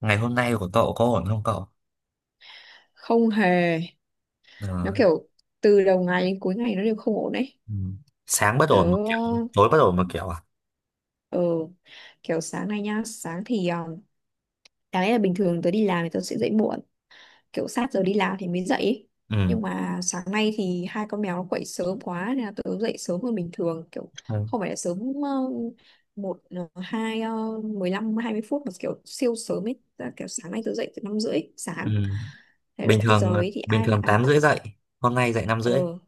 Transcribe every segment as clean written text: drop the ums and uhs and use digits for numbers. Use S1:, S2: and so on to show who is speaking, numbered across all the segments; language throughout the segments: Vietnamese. S1: Ngày hôm nay của cậu có ổn không cậu?
S2: Không hề. Nó
S1: Ờ,
S2: kiểu từ đầu ngày đến cuối ngày nó đều không ổn đấy.
S1: ừ. Sáng bất
S2: tớ
S1: ổn một kiểu, tối bất ổn một kiểu à?
S2: ờ kiểu sáng nay nhá, sáng thì đáng lẽ là bình thường tớ đi làm thì tớ sẽ dậy muộn, kiểu sát giờ đi làm thì mới dậy ấy.
S1: Ừ.
S2: Nhưng mà sáng nay thì hai con mèo nó quậy sớm quá nên là tớ dậy sớm hơn bình thường, kiểu
S1: Ừ.
S2: không phải là sớm một hai mười lăm hai mươi phút mà kiểu siêu sớm ấy. Tức là kiểu sáng nay tớ dậy từ năm rưỡi
S1: Ừ.
S2: sáng, thế
S1: Bình
S2: luôn. Cái giờ
S1: thường
S2: ấy thì
S1: bình
S2: ai…
S1: thường 8 rưỡi dậy, hôm nay dậy năm rưỡi.
S2: Ừ.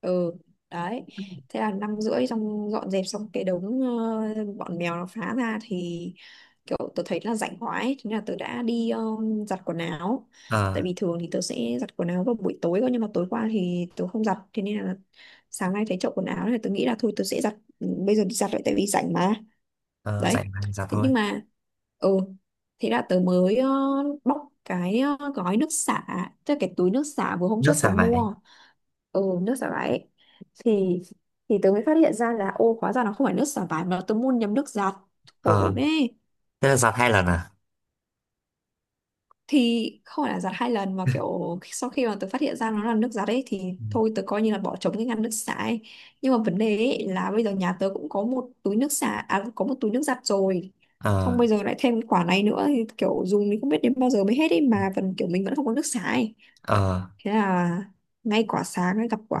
S2: Ừ, đấy. Thế là năm rưỡi xong dọn dẹp xong cái đống bọn mèo nó phá ra thì kiểu tớ thấy là rảnh quá ấy. Thế nên là tớ đã đi giặt quần áo,
S1: Ờ,
S2: tại vì thường thì tớ sẽ giặt quần áo vào buổi tối cơ, nhưng mà tối qua thì tớ không giặt, thế nên là sáng nay thấy chậu quần áo này tớ nghĩ là thôi tớ sẽ giặt bây giờ, đi giặt lại tại vì rảnh mà.
S1: ờ, dậy
S2: Đấy.
S1: mà, giặt
S2: Thế
S1: thôi.
S2: nhưng mà, ừ, thế là tớ mới bóc cái gói nước xả, tức là cái túi nước xả vừa hôm
S1: Nước
S2: trước tớ
S1: xả vải.
S2: mua. Ừ, nước xả vải ấy. thì thì tớ mới phát hiện ra là ô, hóa ra nó không phải nước xả vải, mà tớ mua nhầm nước giặt.
S1: Ờ,
S2: Khổ đấy.
S1: thế là giặt hai lần à?
S2: Thì không phải là giặt hai lần, mà kiểu sau khi mà tớ phát hiện ra nó là nước giặt ấy thì
S1: Ừ.
S2: thôi tớ coi như là bỏ trống cái ngăn nước xả ấy. Nhưng mà vấn đề ấy là bây giờ nhà tớ cũng có một túi nước xả, à, có một túi nước giặt rồi, xong
S1: Ờ,
S2: bây giờ lại thêm quả này nữa thì kiểu dùng thì không biết đến bao giờ mới hết ấy, mà vẫn kiểu mình vẫn không có nước xả ấy.
S1: ờ,
S2: Thế là ngay quả sáng ấy gặp quả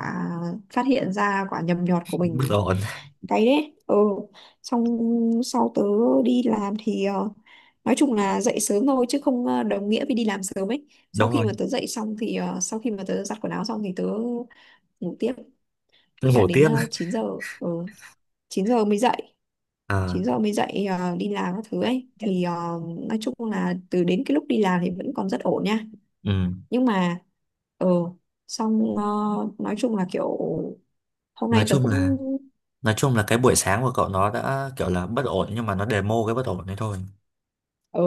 S2: phát hiện ra quả nhầm nhọt của
S1: bất
S2: mình.
S1: ổn.
S2: Cái đấy, ừ. Xong sau tớ đi làm thì nói chung là dậy sớm thôi chứ không đồng nghĩa với đi làm sớm ấy. Sau
S1: Đúng
S2: khi
S1: rồi,
S2: mà tớ dậy xong thì, ờ, sau khi mà tớ giặt quần áo xong thì tớ ngủ tiếp. Thế là
S1: ngủ
S2: đến
S1: tiếp.
S2: 9 giờ, ừ, 9 giờ mới dậy,
S1: Ờ.
S2: 9 giờ mới dậy, đi làm các thứ ấy thì nói chung là từ đến cái lúc đi làm thì vẫn còn rất ổn nha.
S1: Ừ.
S2: Nhưng mà ờ xong ờ, nói chung là kiểu hôm
S1: Nói
S2: nay tớ
S1: chung là
S2: cũng,
S1: nói chung là cái buổi sáng của cậu nó đã kiểu là bất ổn nhưng mà nó demo cái bất ổn đấy thôi.
S2: ờ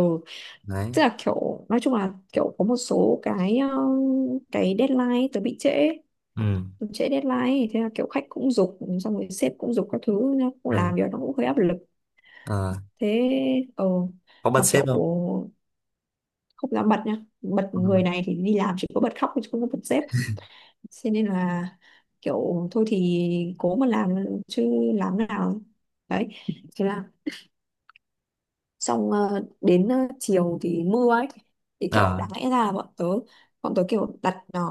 S1: Đấy.
S2: tức là kiểu nói chung là kiểu có một số cái cái deadline ấy, tớ bị trễ.
S1: Ừ.
S2: Tớ trễ deadline ấy. Thế là kiểu khách cũng giục, xong rồi sếp cũng giục các thứ, nó cũng
S1: Ừ.
S2: làm việc nó cũng hơi áp lực.
S1: Ờ,
S2: Thế ờ
S1: có bật
S2: Mà
S1: sếp
S2: kiểu
S1: không?
S2: không dám bật nha, bật
S1: Không.
S2: người này thì đi làm chỉ có bật khóc chứ không có bật sếp. Thế nên là kiểu thôi thì cố mà làm chứ làm nào. Đấy. Thế là xong, đến chiều thì mưa ấy, thì kiểu
S1: Ờ,
S2: đáng lẽ ra là bọn tớ kiểu đặt,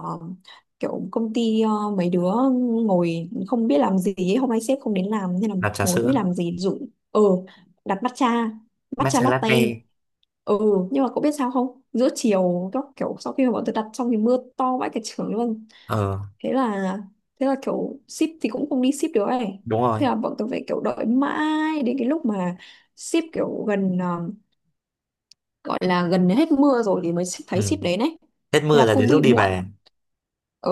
S2: kiểu công ty mấy đứa ngồi không biết làm gì ấy. Hôm nay sếp không đến làm nên là
S1: làm trà
S2: ngồi không
S1: sữa
S2: biết làm gì dụ. Ừ, đặt matcha, matcha
S1: matcha
S2: latte.
S1: latte.
S2: Ừ, nhưng mà cậu biết sao không, giữa chiều các kiểu sau khi mà bọn tớ đặt xong thì mưa to vãi cả trường luôn.
S1: Ờ,
S2: Thế là thế là kiểu ship thì cũng không đi ship được ấy.
S1: đúng rồi.
S2: Thế là bọn tôi phải kiểu đợi mãi đến cái lúc mà ship kiểu gần, gọi là gần hết mưa rồi thì mới thấy
S1: Ừ.
S2: ship đến ấy.
S1: Hết
S2: Thế
S1: mưa
S2: là
S1: là
S2: cũng
S1: đến lúc
S2: bị
S1: đi
S2: muộn.
S1: về.
S2: Ừ,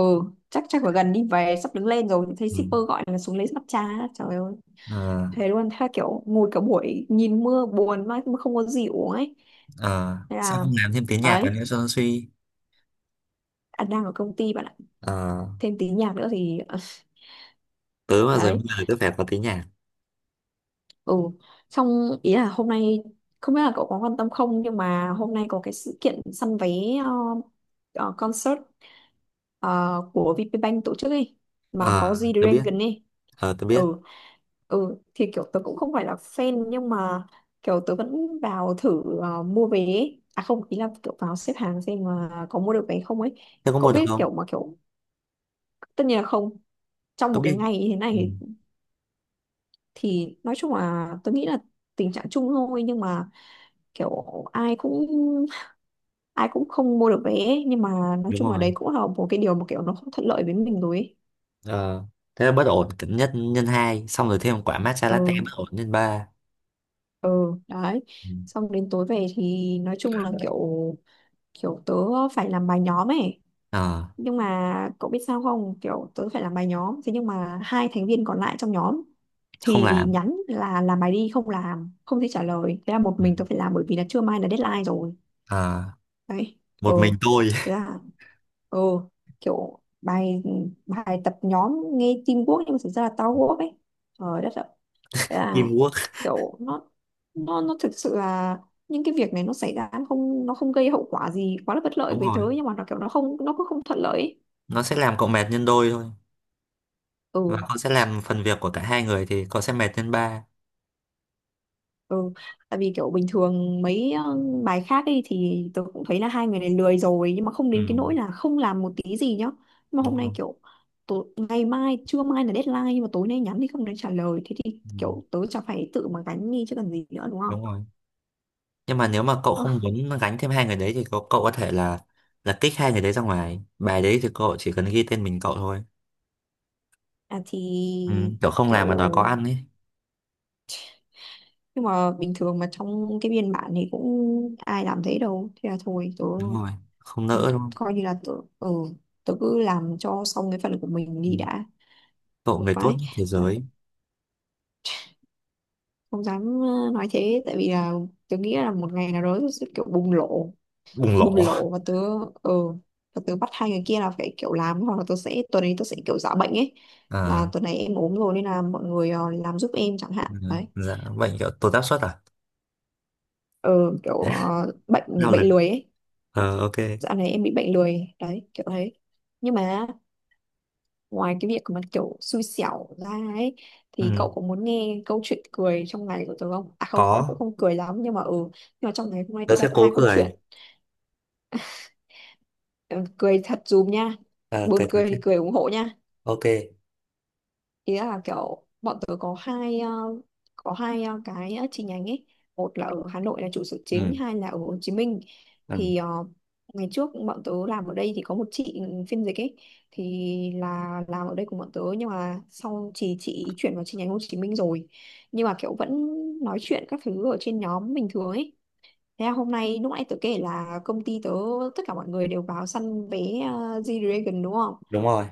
S2: chắc chắc là gần đi về sắp đứng lên rồi thì thấy
S1: Ừ.
S2: shipper gọi là xuống lấy mặt trà. Trời ơi,
S1: Ờ,
S2: thế luôn. Thế là kiểu ngồi cả buổi nhìn mưa buồn mà không có gì uống ấy.
S1: ờ,
S2: Thế
S1: sao
S2: là,
S1: không làm thêm tiếng nhạc vào
S2: đấy,
S1: nữa cho nó suy?
S2: anh đang ở công ty bạn ạ.
S1: Ờ,
S2: Thêm tí nhạc nữa thì
S1: tớ mà rồi mưa
S2: đấy.
S1: là tớ phải có tiếng nhạc.
S2: Ừ, xong ý là hôm nay, không biết là cậu có quan tâm không nhưng mà hôm nay có cái sự kiện săn vé, ờ, concert ờ, của VPBank tổ chức ấy, mà có
S1: Ờ, tớ biết.
S2: G-Dragon ấy.
S1: Ờ, tớ biết.
S2: Ừ, ừ, thì kiểu tớ cũng không phải là fan nhưng mà kiểu tớ vẫn vào thử, mua vé ấy. À không, ý là kiểu vào xếp hàng xem mà có mua được vé không ấy.
S1: Thế có
S2: Cậu
S1: mua được
S2: biết
S1: không?
S2: kiểu mà kiểu, tất nhiên là không, trong
S1: Tớ
S2: một cái
S1: biết.
S2: ngày như thế
S1: Ừ.
S2: này. Thì nói chung là tôi nghĩ là tình trạng chung thôi, nhưng mà kiểu ai cũng, ai cũng không mua được vé ấy. Nhưng mà nói
S1: Đúng
S2: chung là đấy
S1: rồi.
S2: cũng là một cái điều mà kiểu nó không thuận lợi với mình rồi ấy.
S1: Ờ, thế là bất ổn nhất nhân hai xong rồi thêm quả matcha latte
S2: Ừ,
S1: bất ổn nhân ba.
S2: ừ, đấy.
S1: Ừ.
S2: Xong đến tối về thì nói chung là kiểu, kiểu tớ phải làm bài nhóm ấy.
S1: Ờ,
S2: Nhưng mà cậu biết sao không, kiểu tớ phải làm bài nhóm, thế nhưng mà hai thành viên còn lại trong nhóm
S1: không
S2: thì
S1: làm.
S2: nhắn là làm bài đi không làm, không thể trả lời. Thế là một
S1: Ừ.
S2: mình tớ phải làm bởi vì là trưa mai là deadline rồi.
S1: Ờ,
S2: Đấy.
S1: một
S2: Ừ,
S1: mình tôi.
S2: thế là, ừ, kiểu bài bài tập nhóm nghe teamwork nhưng mà thực ra là tao work ấy. Trời đất ạ. Thế là
S1: Teamwork.
S2: kiểu nó thực sự là những cái việc này nó xảy ra, nó không, nó không gây hậu quả gì quá là bất lợi
S1: Đúng
S2: với tớ,
S1: rồi,
S2: nhưng mà nó kiểu nó không, nó cũng không thuận lợi ấy.
S1: nó sẽ làm cậu mệt nhân đôi thôi. Và
S2: Ừ.
S1: con sẽ làm phần việc của cả hai người thì cậu sẽ mệt lên ba.
S2: Ừ, tại vì kiểu bình thường mấy bài khác ấy thì tôi cũng thấy là hai người này lười rồi, nhưng mà không
S1: Ừ,
S2: đến cái nỗi là không làm một tí gì nhá. Nhưng mà
S1: đúng
S2: hôm nay
S1: rồi.
S2: kiểu tối, ngày mai trưa mai là deadline, nhưng mà tối nay nhắn thì không đến trả lời, thế thì
S1: Ừ,
S2: kiểu tớ chả phải tự mà gánh đi chứ cần gì nữa, đúng
S1: đúng
S2: không?
S1: rồi. Nhưng mà nếu mà cậu
S2: Ờ.
S1: không muốn gánh thêm hai người đấy thì cậu có thể là kích hai người đấy ra ngoài bài đấy thì cậu chỉ cần ghi tên mình cậu thôi.
S2: À, thì
S1: Ừ, kiểu không làm
S2: kiểu,
S1: mà đòi có ăn ấy.
S2: nhưng mà bình thường mà trong cái biên bản thì cũng ai làm thế đâu. Thế là thôi tớ,
S1: Đúng rồi, không
S2: tớ
S1: nỡ đúng không.
S2: coi như là tớ, ừ, tớ cứ làm cho xong cái phần của mình
S1: Ừ.
S2: đi đã.
S1: Cậu
S2: Một
S1: người tốt
S2: cái
S1: nhất thế giới.
S2: không dám, nói thế tại vì là tớ nghĩ là một ngày nào đó tớ sẽ kiểu bùng lộ,
S1: Bùng
S2: bùng
S1: lộ.
S2: lộ và tớ, ờ và tớ bắt hai người kia là phải kiểu làm, hoặc là tớ sẽ tuần ấy tớ sẽ kiểu giả bệnh ấy, là
S1: À,
S2: tuần này em ốm rồi nên là mọi người làm giúp em chẳng hạn,
S1: ừ,
S2: đấy.
S1: dạ bệnh kiểu tụt áp suất à?
S2: ờ Kiểu bệnh
S1: Lao lực.
S2: bệnh lười ấy.
S1: Ờ, ok.
S2: Dạo này em bị bệnh lười đấy, kiểu thế. Nhưng mà, ngoài cái việc mà kiểu xui xẻo ra ấy, thì
S1: Ừ,
S2: cậu có muốn nghe câu chuyện cười trong ngày của tớ không? À không, nó cũng
S1: có.
S2: không cười lắm, nhưng mà ừ, nhưng mà trong ngày hôm nay
S1: Tớ
S2: tớ
S1: sẽ
S2: gặp
S1: cố
S2: hai câu
S1: cười.
S2: chuyện. Ừ, cười thật dùm nha.
S1: Ờ,
S2: Buồn
S1: cười thật
S2: cười thì
S1: đấy.
S2: cười ủng hộ nha.
S1: Ok.
S2: Ý là kiểu bọn tớ có hai, có hai cái chi nhánh ấy, một là ở Hà Nội là trụ sở chính,
S1: Ừ,
S2: hai là ở Hồ Chí Minh.
S1: ừ,
S2: Thì ngày trước bọn tớ làm ở đây thì có một chị phiên dịch ấy, thì là làm ở đây cùng bọn tớ nhưng mà sau chị chuyển vào chi nhánh Hồ Chí Minh rồi, nhưng mà kiểu vẫn nói chuyện các thứ ở trên nhóm bình thường ấy. Thế là hôm nay lúc nãy tớ kể là công ty tớ tất cả mọi người đều vào săn vé G-Dragon, đúng không?
S1: đúng rồi.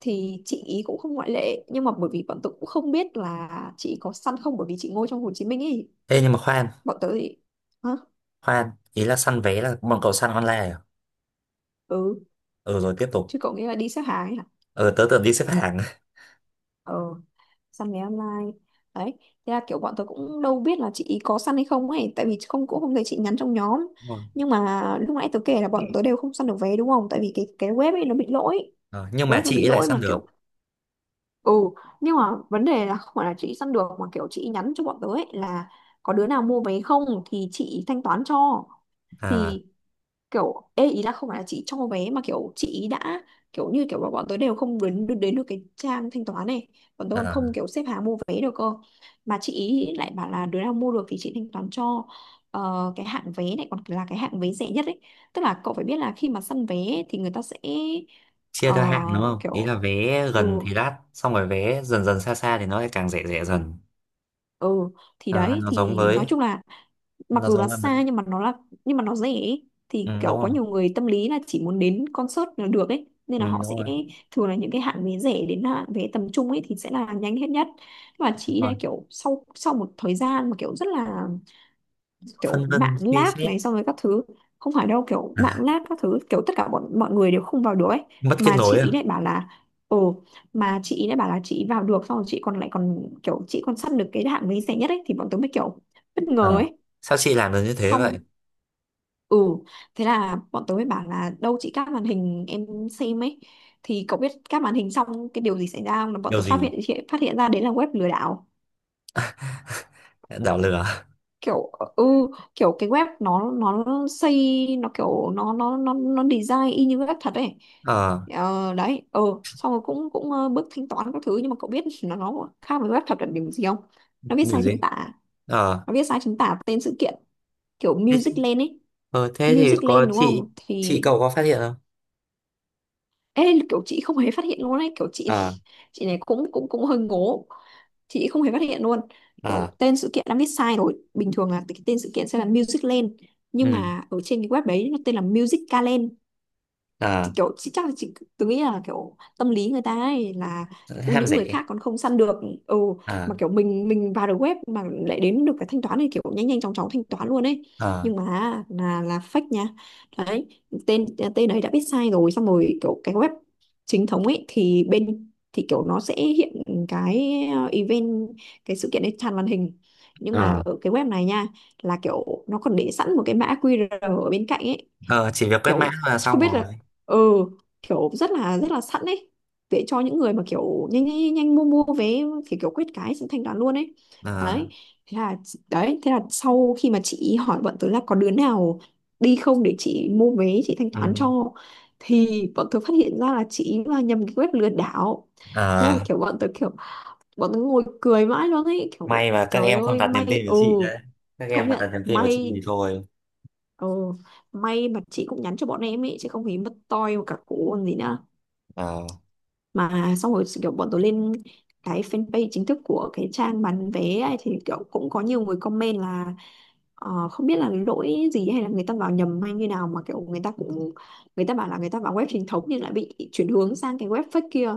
S2: Thì chị ý cũng không ngoại lệ, nhưng mà bởi vì bọn tớ cũng không biết là chị ý có săn không, bởi vì chị ngồi trong Hồ Chí Minh ấy.
S1: Ê nhưng mà khoan.
S2: Bọn tớ thì, hả?
S1: Khoan, ý là săn vé là bọn cậu săn online à?
S2: Ừ,
S1: Ừ rồi tiếp tục.
S2: chứ cậu nghĩ là đi xếp hàng ấy hả?
S1: Ừ tớ tưởng đi xếp hàng.
S2: Ờ, săn vé online. Đấy. Thế là kiểu bọn tớ cũng đâu biết là chị ý có săn hay không ấy, tại vì không cũng không thấy chị nhắn trong nhóm.
S1: Đúng rồi.
S2: Nhưng mà lúc nãy tớ kể là bọn tớ đều không săn được vé đúng không, tại vì cái web ấy nó bị lỗi.
S1: Ờ, nhưng mà
S2: Web nó
S1: chị
S2: bị
S1: ấy lại
S2: lỗi mà
S1: săn được.
S2: kiểu, ừ, nhưng mà vấn đề là không phải là chị săn được, mà kiểu chị nhắn cho bọn tớ ấy là có đứa nào mua vé không thì chị thanh toán cho.
S1: À,
S2: Thì kiểu ê ý là không phải là chị cho vé mà kiểu chị đã kiểu như kiểu bọn bọn tớ đều không đến đến được cái trang thanh toán này. Bọn tớ còn
S1: à,
S2: không kiểu xếp hàng mua vé được cơ. Mà chị ý lại bảo là đứa nào mua được thì chị thanh toán cho. Ờ, cái hạng vé này còn là cái hạng vé rẻ nhất ấy. Tức là cậu phải biết là khi mà săn vé thì người ta sẽ
S1: chia
S2: ờ,
S1: theo hạng đúng không? Ý là
S2: kiểu,
S1: vé
S2: ừ,
S1: gần thì đắt, xong rồi vé dần dần xa xa thì nó lại càng rẻ rẻ dần.
S2: ừ, thì
S1: Ờ,
S2: đấy thì nói chung là mặc
S1: nó
S2: dù là
S1: giống với mấy.
S2: xa nhưng mà nó là nhưng mà nó rẻ ấy.
S1: Ừ,
S2: Thì kiểu
S1: đúng
S2: có
S1: rồi.
S2: nhiều người tâm lý là chỉ muốn đến concert là được ấy nên
S1: Ừ,
S2: là
S1: đúng
S2: họ sẽ
S1: rồi.
S2: thường là những cái hạng vé rẻ đến hạng vé tầm trung ấy thì sẽ là nhanh hết nhất. Và
S1: Đúng
S2: chị ấy là
S1: rồi.
S2: kiểu sau sau một thời gian mà kiểu rất là kiểu
S1: Phân vân
S2: mạng
S1: suy
S2: lag
S1: xét.
S2: này xong rồi các thứ. Không phải đâu kiểu mạng
S1: À,
S2: lag các thứ kiểu tất cả bọn mọi người đều không vào được ấy.
S1: mất kết
S2: Mà
S1: nối
S2: chị ý
S1: à?
S2: lại bảo là ồ, mà chị ý lại bảo là chị ý vào được xong rồi chị còn lại còn kiểu chị còn săn được cái hạng vé rẻ nhất ấy thì bọn tớ mới kiểu bất ngờ
S1: Ờ,
S2: ấy.
S1: sao chị làm được như thế
S2: Xong,
S1: vậy?
S2: ừ, thế là bọn tớ mới bảo là đâu chị các màn hình em xem ấy thì cậu biết các màn hình xong cái điều gì xảy ra không là bọn
S1: Điều
S2: tớ phát
S1: gì
S2: hiện phát hiện ra đấy là web lừa đảo.
S1: đảo lửa?
S2: Kiểu, ừ, kiểu cái web nó xây, nó kiểu nó design y như web thật ấy.
S1: Ờ,
S2: Ờ, đấy, ờ, xong rồi cũng cũng, ờ, bước thanh toán các thứ nhưng mà cậu biết nó khác với web thật là điểm gì không. Nó viết
S1: điều
S2: sai chính
S1: gì?
S2: tả,
S1: Ờ,
S2: nó viết sai chính tả tên sự kiện, kiểu
S1: thế,
S2: Music Land ấy.
S1: ờ, thế thì
S2: Music
S1: có
S2: Land đúng không
S1: chị
S2: thì
S1: cậu có phát hiện không?
S2: ê, kiểu chị không hề phát hiện luôn ấy, kiểu chị
S1: Ờ.
S2: chị này cũng cũng cũng hơi ngố. Chị không hề phát hiện luôn
S1: Ờ.
S2: kiểu tên sự kiện đã viết sai rồi. Bình thường là cái tên sự kiện sẽ là Music Land nhưng
S1: Ừ.
S2: mà ở trên cái web đấy nó tên là Music Calend.
S1: Ờ.
S2: Thì kiểu chị chắc là chị, tôi nghĩ là kiểu tâm lý người ta ấy là ô
S1: Ham
S2: những người
S1: rẻ.
S2: khác còn không săn được, ừ,
S1: Ờ.
S2: mà kiểu mình vào được web mà lại đến được cái thanh toán này kiểu nhanh nhanh chóng chóng thanh toán luôn ấy.
S1: Ờ.
S2: Nhưng mà là fake nha. Đấy, tên tên ấy đã biết sai rồi xong rồi kiểu cái web chính thống ấy thì bên thì kiểu nó sẽ hiện cái ờ, event, cái sự kiện ấy tràn màn hình. Nhưng mà
S1: Ờ.
S2: ở cái web này nha là kiểu nó còn để sẵn một cái mã QR ở bên cạnh ấy.
S1: Ờ, chỉ việc quét mã
S2: Kiểu
S1: là
S2: không
S1: xong
S2: biết
S1: rồi.
S2: là, ừ, kiểu rất là sẵn ấy để cho những người mà kiểu nhanh nhanh nhanh nhanh mua mua vé thì kiểu quyết cái xong thanh toán luôn ấy.
S1: Ờ.
S2: Đấy, thế là, đấy thế là sau khi mà chị hỏi bọn tớ là có đứa nào đi không để chị mua vé, chị thanh toán
S1: Ừ.
S2: cho thì bọn tớ phát hiện ra là chị là nhầm cái web lừa đảo. Thế
S1: Ờ,
S2: là kiểu bọn tớ ngồi cười mãi luôn ấy kiểu
S1: may mà các
S2: trời
S1: em không
S2: ơi,
S1: đặt niềm
S2: may,
S1: tin vào
S2: ừ,
S1: chị đấy. Các
S2: công
S1: em mà đặt
S2: nhận
S1: niềm tin vào chị
S2: may.
S1: thì thôi.
S2: Ồ, may mà chị cũng nhắn cho bọn em ấy chứ không thì mất toi một cả cụ còn gì nữa.
S1: Ờ.
S2: Mà xong rồi kiểu bọn tôi lên cái fanpage chính thức của cái trang bán vé ấy, thì kiểu cũng có nhiều người comment là, ờ, không biết là lỗi gì hay là người ta vào nhầm hay như nào mà kiểu người ta cũng, người ta bảo là người ta vào web chính thống nhưng lại bị chuyển hướng sang cái web fake kia.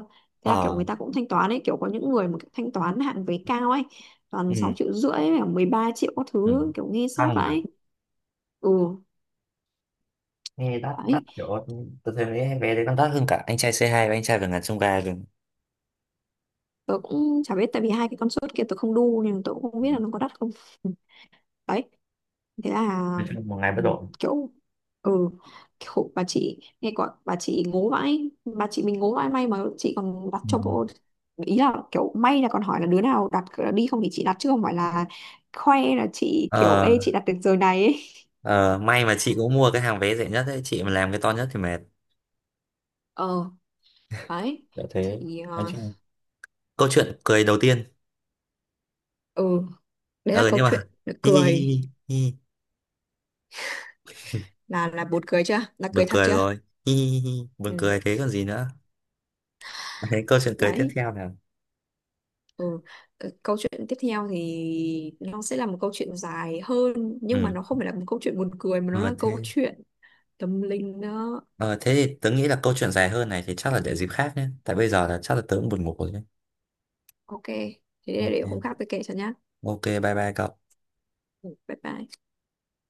S2: Thế là kiểu
S1: Ờ.
S2: người ta cũng thanh toán ấy, kiểu có những người mà thanh toán hạn vé cao ấy, toàn
S1: Ừ.
S2: 6,5 triệu, 13 triệu các
S1: Ừ,
S2: thứ, kiểu nghe sót
S1: căng nhỉ.
S2: vậy. Ừ,
S1: Nghe đắt đắt
S2: đấy,
S1: kiểu tôi thấy mấy vé đấy còn đắt hơn cả anh trai c hai và anh trai vượt ngàn chông gai rồi.
S2: tớ cũng chả biết tại vì hai cái con sốt kia tớ không đu nên tớ cũng không
S1: Ừ.
S2: biết là nó có đắt không. Ừ, đấy, thế là,
S1: Nói chung một ngày bất
S2: ừ,
S1: ổn.
S2: kiểu, ừ, khổ bà chị, nghe gọi bà chị ngố vãi, bà chị mình ngố vãi, may mà chị còn đặt cho bộ.
S1: Ừ.
S2: Ý là kiểu may là còn hỏi là đứa nào đặt đi không thì chị đặt chứ không phải là khoe là chị kiểu
S1: Ờ,
S2: ê chị đặt được giờ này ấy.
S1: ờ, may mà chị cũng mua cái hàng vé rẻ nhất ấy, chị mà làm cái to nhất thì mệt.
S2: Ờ, đấy
S1: Kiểu thế.
S2: thì,
S1: Nói
S2: ờ,
S1: chung câu chuyện cười đầu tiên.
S2: ừ, đấy là
S1: Ờ
S2: câu
S1: nhưng
S2: chuyện
S1: mà hi hi hi
S2: cười,
S1: hi hi.
S2: là buồn cười chưa, là
S1: Buồn
S2: cười thật
S1: cười
S2: chưa.
S1: rồi. Hi hi hi hi. Buồn
S2: Ừ,
S1: cười thế còn gì nữa. Thế câu chuyện cười tiếp
S2: đấy.
S1: theo nào.
S2: Ừ, ờ, câu chuyện tiếp theo thì nó sẽ là một câu chuyện dài hơn nhưng
S1: Ừ.
S2: mà nó không phải là một câu chuyện buồn cười mà nó
S1: Ờ
S2: là câu
S1: thế.
S2: chuyện tâm linh đó.
S1: Ờ, thế thì tớ nghĩ là câu chuyện dài hơn này thì chắc là để dịp khác nhé, tại bây giờ là chắc là tớ cũng buồn ngủ rồi nhé.
S2: Ok, thế để hôm
S1: Ok.
S2: khác tôi kể cho nhá.
S1: Ok bye bye cậu.
S2: Ừ, bye bye.